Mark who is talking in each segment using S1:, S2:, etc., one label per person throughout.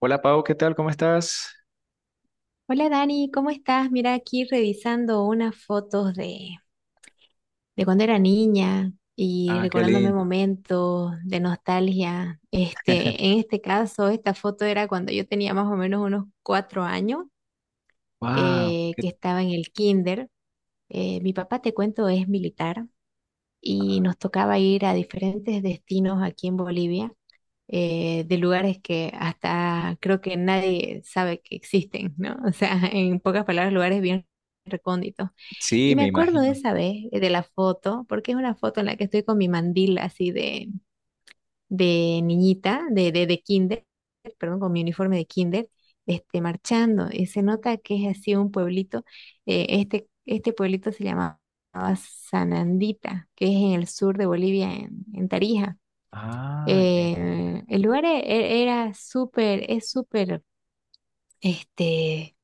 S1: Hola Pau, ¿qué tal? ¿Cómo estás?
S2: Hola Dani, ¿cómo estás? Mira, aquí revisando unas fotos de cuando era niña y
S1: Ah, qué
S2: recordándome
S1: lindo.
S2: momentos de nostalgia. Este, en este caso, esta foto era cuando yo tenía más o menos unos 4 años,
S1: Wow,
S2: que estaba en el kinder. Mi papá, te cuento, es militar y nos tocaba ir a diferentes destinos aquí en Bolivia, de lugares que hasta creo que nadie sabe que existen, ¿no? O sea, en pocas palabras, lugares bien recónditos.
S1: sí,
S2: Y me
S1: me
S2: acuerdo de
S1: imagino.
S2: esa vez, de la foto, porque es una foto en la que estoy con mi mandil así de niñita, de kinder, perdón, con mi uniforme de kinder, este, marchando. Y se nota que es así un pueblito. Este pueblito se llamaba Sanandita, que es en el sur de Bolivia, en Tarija.
S1: Ah, ya, ya, ya.
S2: El lugar era súper, es súper, este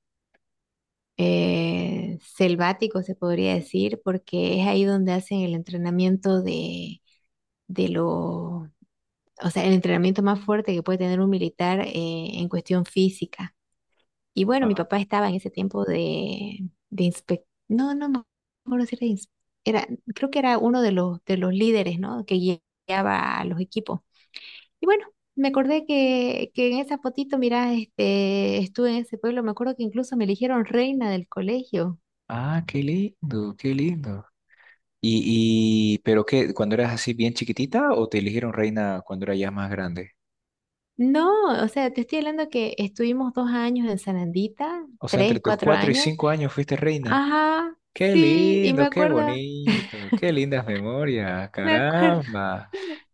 S2: selvático, se podría decir, porque es ahí donde hacen el entrenamiento de lo, o sea, el entrenamiento más fuerte que puede tener un militar en cuestión física. Y bueno, mi
S1: Guau.
S2: papá estaba en ese tiempo no, no me acuerdo si era, era, creo que era uno de los, líderes, ¿no? Que guiaba a los equipos. Y bueno, me acordé que en esa fotito, mira, este, estuve en ese pueblo, me acuerdo que incluso me eligieron reina del colegio.
S1: Ah, qué lindo, qué lindo. Y, pero qué, ¿cuando eras así bien chiquitita o te eligieron reina cuando eras ya más grande?
S2: No, o sea, te estoy hablando que estuvimos 2 años en Sanandita,
S1: O sea, entre
S2: tres,
S1: tus
S2: cuatro
S1: cuatro y
S2: años.
S1: cinco años fuiste reina.
S2: Ajá,
S1: Qué
S2: sí,
S1: lindo, qué bonito, qué lindas memorias,
S2: me acuerdo.
S1: caramba.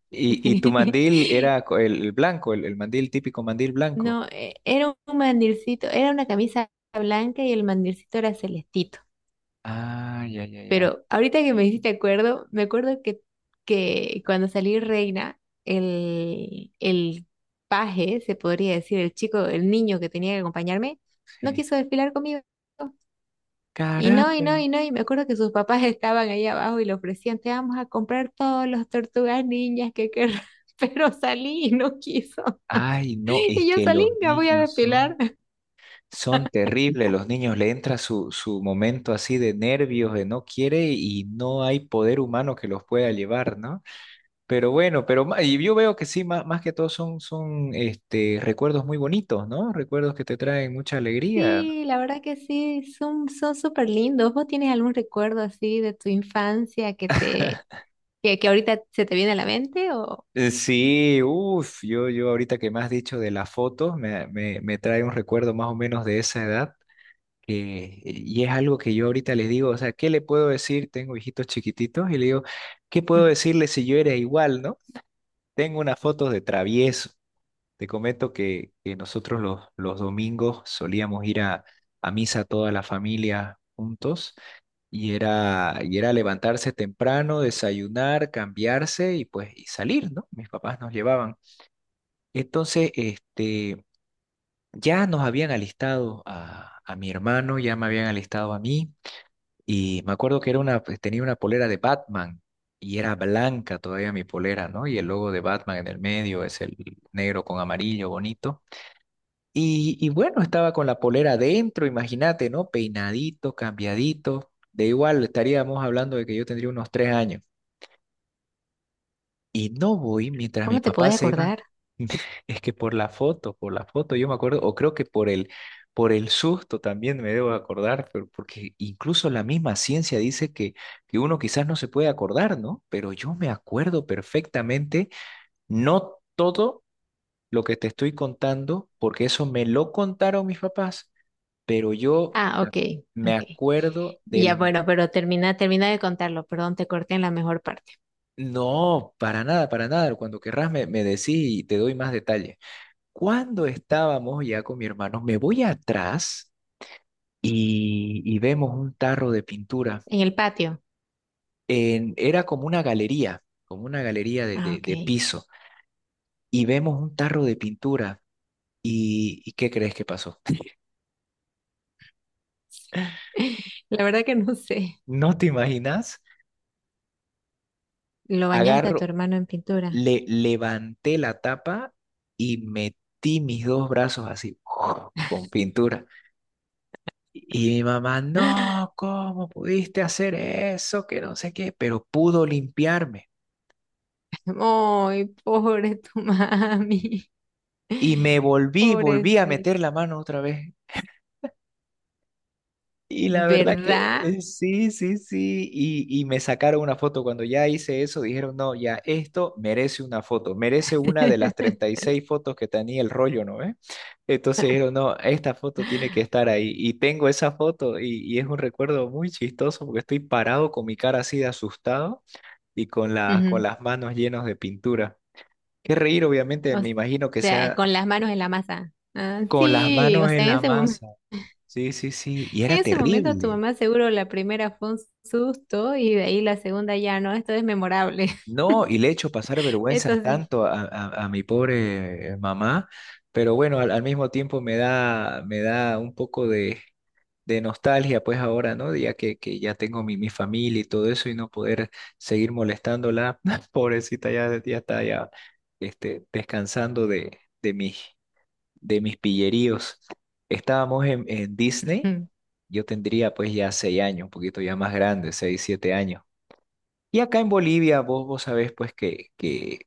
S1: Y tu mandil era el blanco, el mandil típico mandil blanco.
S2: No, era un mandilcito, era una camisa blanca y el mandilcito era celestito.
S1: Ah, ya, ya, ya.
S2: Pero ahorita que me hiciste acuerdo, me acuerdo que cuando salí reina, el paje, se podría decir, el chico, el niño que tenía que acompañarme, no
S1: Sí.
S2: quiso desfilar conmigo. Y no, y
S1: Caramba.
S2: no, y no, y me acuerdo que sus papás estaban ahí abajo y le ofrecían, te vamos a comprar todos los tortugas niñas que querrás, pero salí y no quiso.
S1: Ay, no, es
S2: Y yo
S1: que
S2: salí,
S1: los
S2: me voy a
S1: niños
S2: depilar.
S1: son, terribles, los niños le entra su momento así de nervios, de no quiere y no hay poder humano que los pueda llevar, ¿no? Pero bueno, y yo veo que sí, más, que todo son recuerdos muy bonitos, ¿no? Recuerdos que te traen mucha alegría, ¿no?
S2: Sí, la verdad que sí, son, son súper lindos. ¿Vos tienes algún recuerdo así de tu infancia que ahorita se te viene a la mente o
S1: Sí, uff, yo ahorita que me has dicho de las fotos, me trae un recuerdo más o menos de esa edad. Que- y es algo que yo ahorita les digo, o sea, ¿qué le puedo decir? Tengo hijitos chiquititos y le digo, ¿qué puedo
S2: mm,
S1: decirle si yo era igual, no? Tengo unas fotos de travieso. Te comento que nosotros los domingos solíamos ir a misa toda la familia juntos y era levantarse temprano, desayunar, cambiarse y pues y salir, ¿no? Mis papás nos llevaban. Entonces, ya nos habían alistado a mi hermano, ya me habían alistado a mí. Y me acuerdo que era una, pues, tenía una polera de Batman y era blanca todavía mi polera, ¿no? Y el logo de Batman en el medio es el negro con amarillo bonito. Y bueno, estaba con la polera adentro, imagínate, ¿no? Peinadito, cambiadito. De igual estaríamos hablando de que yo tendría unos 3 años. Y no voy mientras mis
S2: cómo te puedes
S1: papás se iban.
S2: acordar?
S1: Es que por la foto, yo me acuerdo, o creo que por el susto también me debo acordar, pero porque incluso la misma ciencia dice que uno quizás no se puede acordar, ¿no? Pero yo me acuerdo perfectamente, no todo lo que te estoy contando, porque eso me lo contaron mis papás, pero yo
S2: Ah,
S1: me
S2: ok,
S1: me
S2: ok.
S1: acuerdo
S2: Ya
S1: del...
S2: bueno, pero termina de contarlo, perdón, te corté en la mejor parte.
S1: No, para nada, para nada. Cuando querrás me decís y te doy más detalle. Cuando estábamos ya con mi hermano, me voy atrás y vemos un tarro de pintura.
S2: En el patio.
S1: Era como una galería de,
S2: Ah,
S1: de-
S2: ok.
S1: de piso. Y vemos un tarro de pintura. ¿Y qué crees que pasó?
S2: La verdad que no sé.
S1: ¿No te imaginas?
S2: ¿Lo bañaste a tu
S1: Agarro,
S2: hermano en pintura?
S1: le levanté la tapa y metí mis dos brazos así, con pintura. Y mi mamá, no, ¿cómo pudiste hacer eso? Que no sé qué, pero pudo limpiarme.
S2: Ay, pobre tu mami.
S1: Y me volví a
S2: Pobrecito.
S1: meter la mano otra vez. Y la verdad que
S2: ¿Verdad?
S1: sí, sí, sí. Y me sacaron una foto. Cuando ya hice eso, dijeron, no, ya esto merece una foto. Merece una de las treinta y seis fotos que tenía el rollo, ¿no? ¿Eh? Entonces dijeron, no, esta foto tiene que estar ahí. Y tengo esa foto y es un recuerdo muy chistoso porque estoy parado con mi cara así de asustado y con la, con
S2: Ujú.
S1: las manos llenas de pintura. Qué reír, obviamente,
S2: O
S1: me imagino que
S2: sea,
S1: sea
S2: con las manos en la masa. Ah,
S1: con las
S2: sí, o
S1: manos en
S2: sea,
S1: la masa. Sí, sí, sí, y
S2: en
S1: era
S2: ese momento tu
S1: terrible.
S2: mamá seguro la primera fue un susto y de ahí la segunda ya no, esto es memorable.
S1: No, y le he hecho pasar vergüenzas
S2: Entonces,
S1: tanto a mi pobre mamá, pero bueno, al mismo tiempo me da un poco de nostalgia, pues ahora, ¿no? Ya que ya tengo mi familia y todo eso y no poder seguir molestándola, pobrecita, ya, ya está ya descansando de mis, de mis pilleríos. Estábamos en Disney,
S2: unos
S1: yo tendría pues ya 6 años, un poquito ya más grande, 6, 7 años. Y acá en Bolivia, vos sabés pues que, que,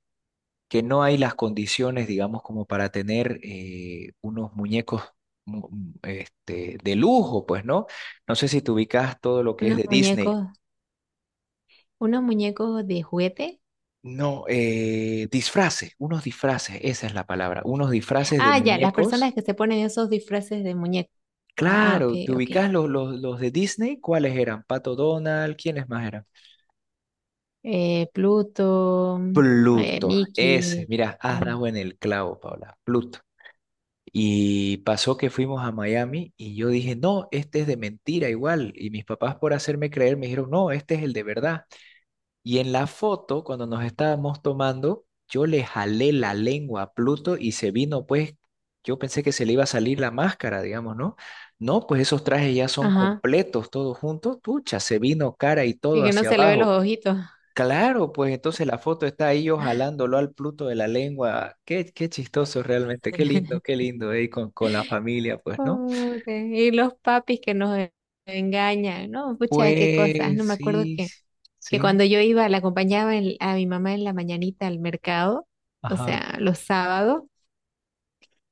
S1: que no hay las condiciones, digamos, como para tener unos muñecos de lujo, pues, ¿no? No sé si te ubicas todo lo que es de Disney.
S2: muñecos, unos muñecos de juguete.
S1: No, disfraces, unos disfraces, esa es la palabra, unos disfraces de
S2: Ah, ya, las personas
S1: muñecos.
S2: que se ponen esos disfraces de muñecos. Ah, ok,
S1: Claro, ¿te
S2: ok.
S1: ubicas los de Disney? ¿Cuáles eran? Pato Donald, ¿quiénes más eran?
S2: Pluto,
S1: Pluto, ese,
S2: Mickey.
S1: mira, has dado en el clavo, Paula, Pluto. Y pasó que fuimos a Miami y yo dije, no, este es de mentira igual. Y mis papás por hacerme creer me dijeron, no, este es el de verdad. Y en la foto, cuando nos estábamos tomando, yo le jalé la lengua a Pluto y se vino, pues, yo pensé que se le iba a salir la máscara, digamos, ¿no? No, pues esos trajes ya son
S2: Ajá.
S1: completos, todos juntos. Pucha, se vino cara y
S2: Y
S1: todo
S2: que no
S1: hacia
S2: se le ve los
S1: abajo.
S2: ojitos.
S1: Claro, pues entonces la foto está ahí yo jalándolo al Pluto de la lengua. Qué chistoso realmente, qué lindo, con, la familia, pues, ¿no?
S2: Pobre, y los papis que nos engañan, ¿no? Pucha, qué cosas. No
S1: Pues
S2: me acuerdo
S1: sí,
S2: que
S1: sí,
S2: cuando yo iba, la acompañaba a mi mamá en la mañanita al mercado, o
S1: ajá,
S2: sea, los sábados.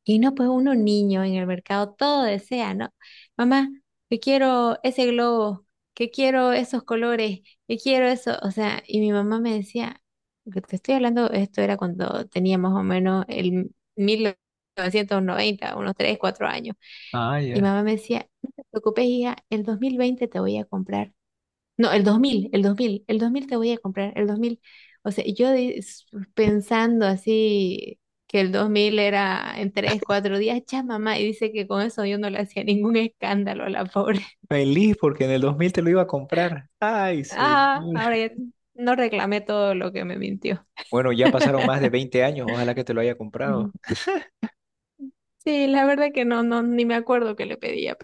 S2: Y no, pues uno niño en el mercado todo desea, ¿no? Mamá, yo quiero ese globo, que quiero esos colores, que quiero eso. O sea, y mi mamá me decía, que te estoy hablando, esto era cuando tenía más o menos el 1990 unos 3, 4 años.
S1: ah,
S2: Y
S1: ya.
S2: mamá me decía, no te preocupes, hija, el 2020 te voy a comprar no, el 2000, el 2000, el 2000 te voy a comprar, el 2000, o sea, yo pensando así que el 2000 era en 3, 4 días, ya mamá, y dice que con eso yo no le hacía ningún escándalo a la pobre.
S1: Feliz porque en el 2000 te lo iba a comprar. Ay, señor.
S2: Ah, ahora ya no reclamé todo lo que me mintió.
S1: Bueno, ya pasaron más de 20 años, ojalá que te lo haya comprado.
S2: Ujú. Sí, la verdad que no, no, ni me acuerdo que le pedía,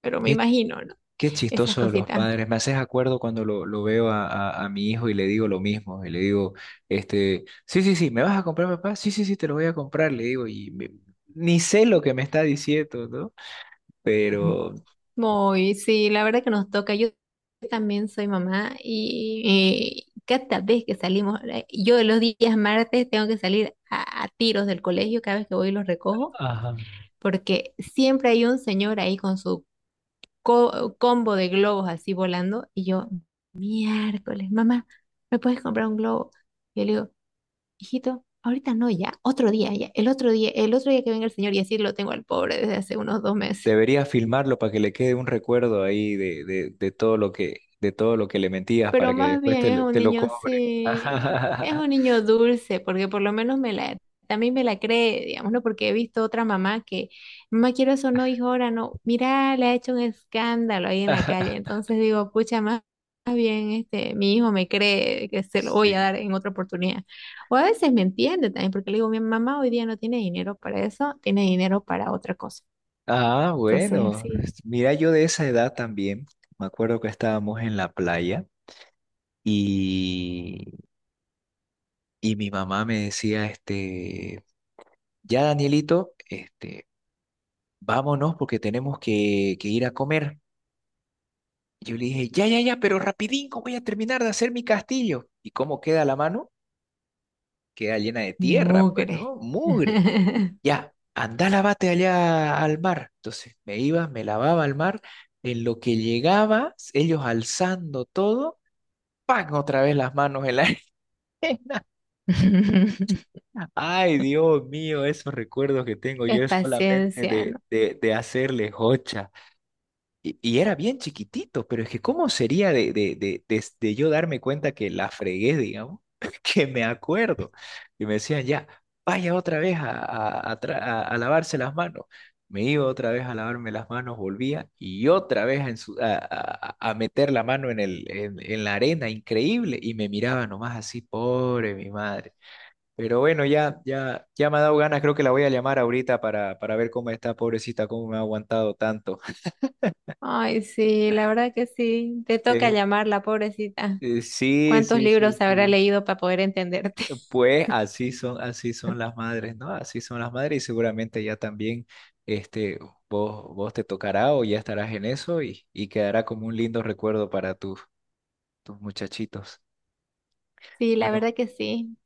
S2: pero me
S1: Qué
S2: imagino, ¿no?
S1: Qué
S2: Esas
S1: chistoso los
S2: cositas.
S1: padres. Me haces acuerdo cuando lo veo a mi hijo y le digo lo mismo. Y le digo, sí, sí, sí, ¿me vas a comprar, papá? Sí, sí, sí, te lo voy a comprar. Le digo, ni sé lo que me está diciendo, ¿no? Pero,
S2: Muy, sí, la verdad que nos toca. Yo también soy mamá y cada vez que salimos, yo los días martes tengo que salir a tiros del colegio cada vez que voy y los recojo,
S1: Ajá.
S2: porque siempre hay un señor ahí con su combo de globos así volando y yo, miércoles, mamá, ¿me puedes comprar un globo? Y yo le digo, hijito, ahorita no, ya, otro día, ya, el otro día que venga el señor y así lo tengo al pobre desde hace unos 2 meses.
S1: debería filmarlo para que le quede un recuerdo ahí de todo lo que, de todo lo que le mentías
S2: Pero
S1: para que
S2: más
S1: después
S2: bien es un
S1: te lo
S2: niño,
S1: cobre.
S2: sí, es un niño dulce, porque por lo menos también me la cree, digamos, ¿no? Porque he visto otra mamá que, mamá, quiero eso, no, hijo, ahora no, mira, le ha hecho un escándalo ahí en la calle, entonces digo, pucha, más bien, este, mi hijo me cree que se lo voy a dar
S1: Sí.
S2: en otra oportunidad. O a veces me entiende también, porque le digo, mi mamá hoy día no tiene dinero para eso, tiene dinero para otra cosa.
S1: Ah,
S2: Entonces,
S1: bueno.
S2: sí,
S1: Mira, yo de esa edad también, me acuerdo que estábamos en la playa. Y, y mi mamá me decía, ya Danielito, vámonos porque tenemos que ir a comer. Yo le dije, ya, ya, ya, pero rapidín cómo voy a terminar de hacer mi castillo. ¿Y cómo queda la mano? Queda llena de tierra, pues,
S2: mugre.
S1: ¿no? Mugre. Ya, anda, lávate allá al mar. Entonces me iba, me lavaba al mar. En lo que llegaba, ellos alzando todo, ¡pam!, otra vez las manos en la arena. Ay, Dios mío, esos recuerdos que tengo
S2: Es
S1: yo es solamente
S2: paciencia.
S1: de hacerle jocha. Y era bien chiquitito, pero es que ¿cómo sería de yo darme cuenta que la fregué, digamos? Que me acuerdo. Y me decían, ya, vaya otra vez a lavarse las manos. Me iba otra vez a lavarme las manos, volvía y otra vez a, ensu- a meter la mano en la arena, increíble. Y me miraba nomás así, pobre mi madre. Pero bueno, ya, ya, ya me ha dado ganas, creo que la voy a llamar ahorita para ver cómo está, pobrecita, cómo me ha aguantado tanto.
S2: Ay, sí, la verdad que sí. Te toca
S1: Eh,
S2: llamarla, pobrecita.
S1: sí,
S2: ¿Cuántos
S1: sí, sí,
S2: libros habrá
S1: sí.
S2: leído para poder entenderte?
S1: Pues así son las madres, ¿no? Así son las madres y seguramente ya también, este, vos te tocará o ya estarás en eso y quedará como un lindo recuerdo para tus muchachitos.
S2: Sí, la
S1: Bueno,
S2: verdad que sí.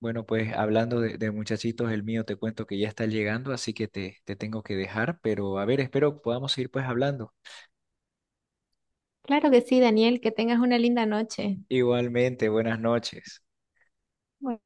S1: bueno, pues hablando de muchachitos, el mío te cuento que ya está llegando, así que te tengo que dejar, pero a ver, espero podamos seguir pues hablando.
S2: Claro que sí, Daniel, que tengas una linda noche.
S1: Igualmente, buenas noches.
S2: Bueno,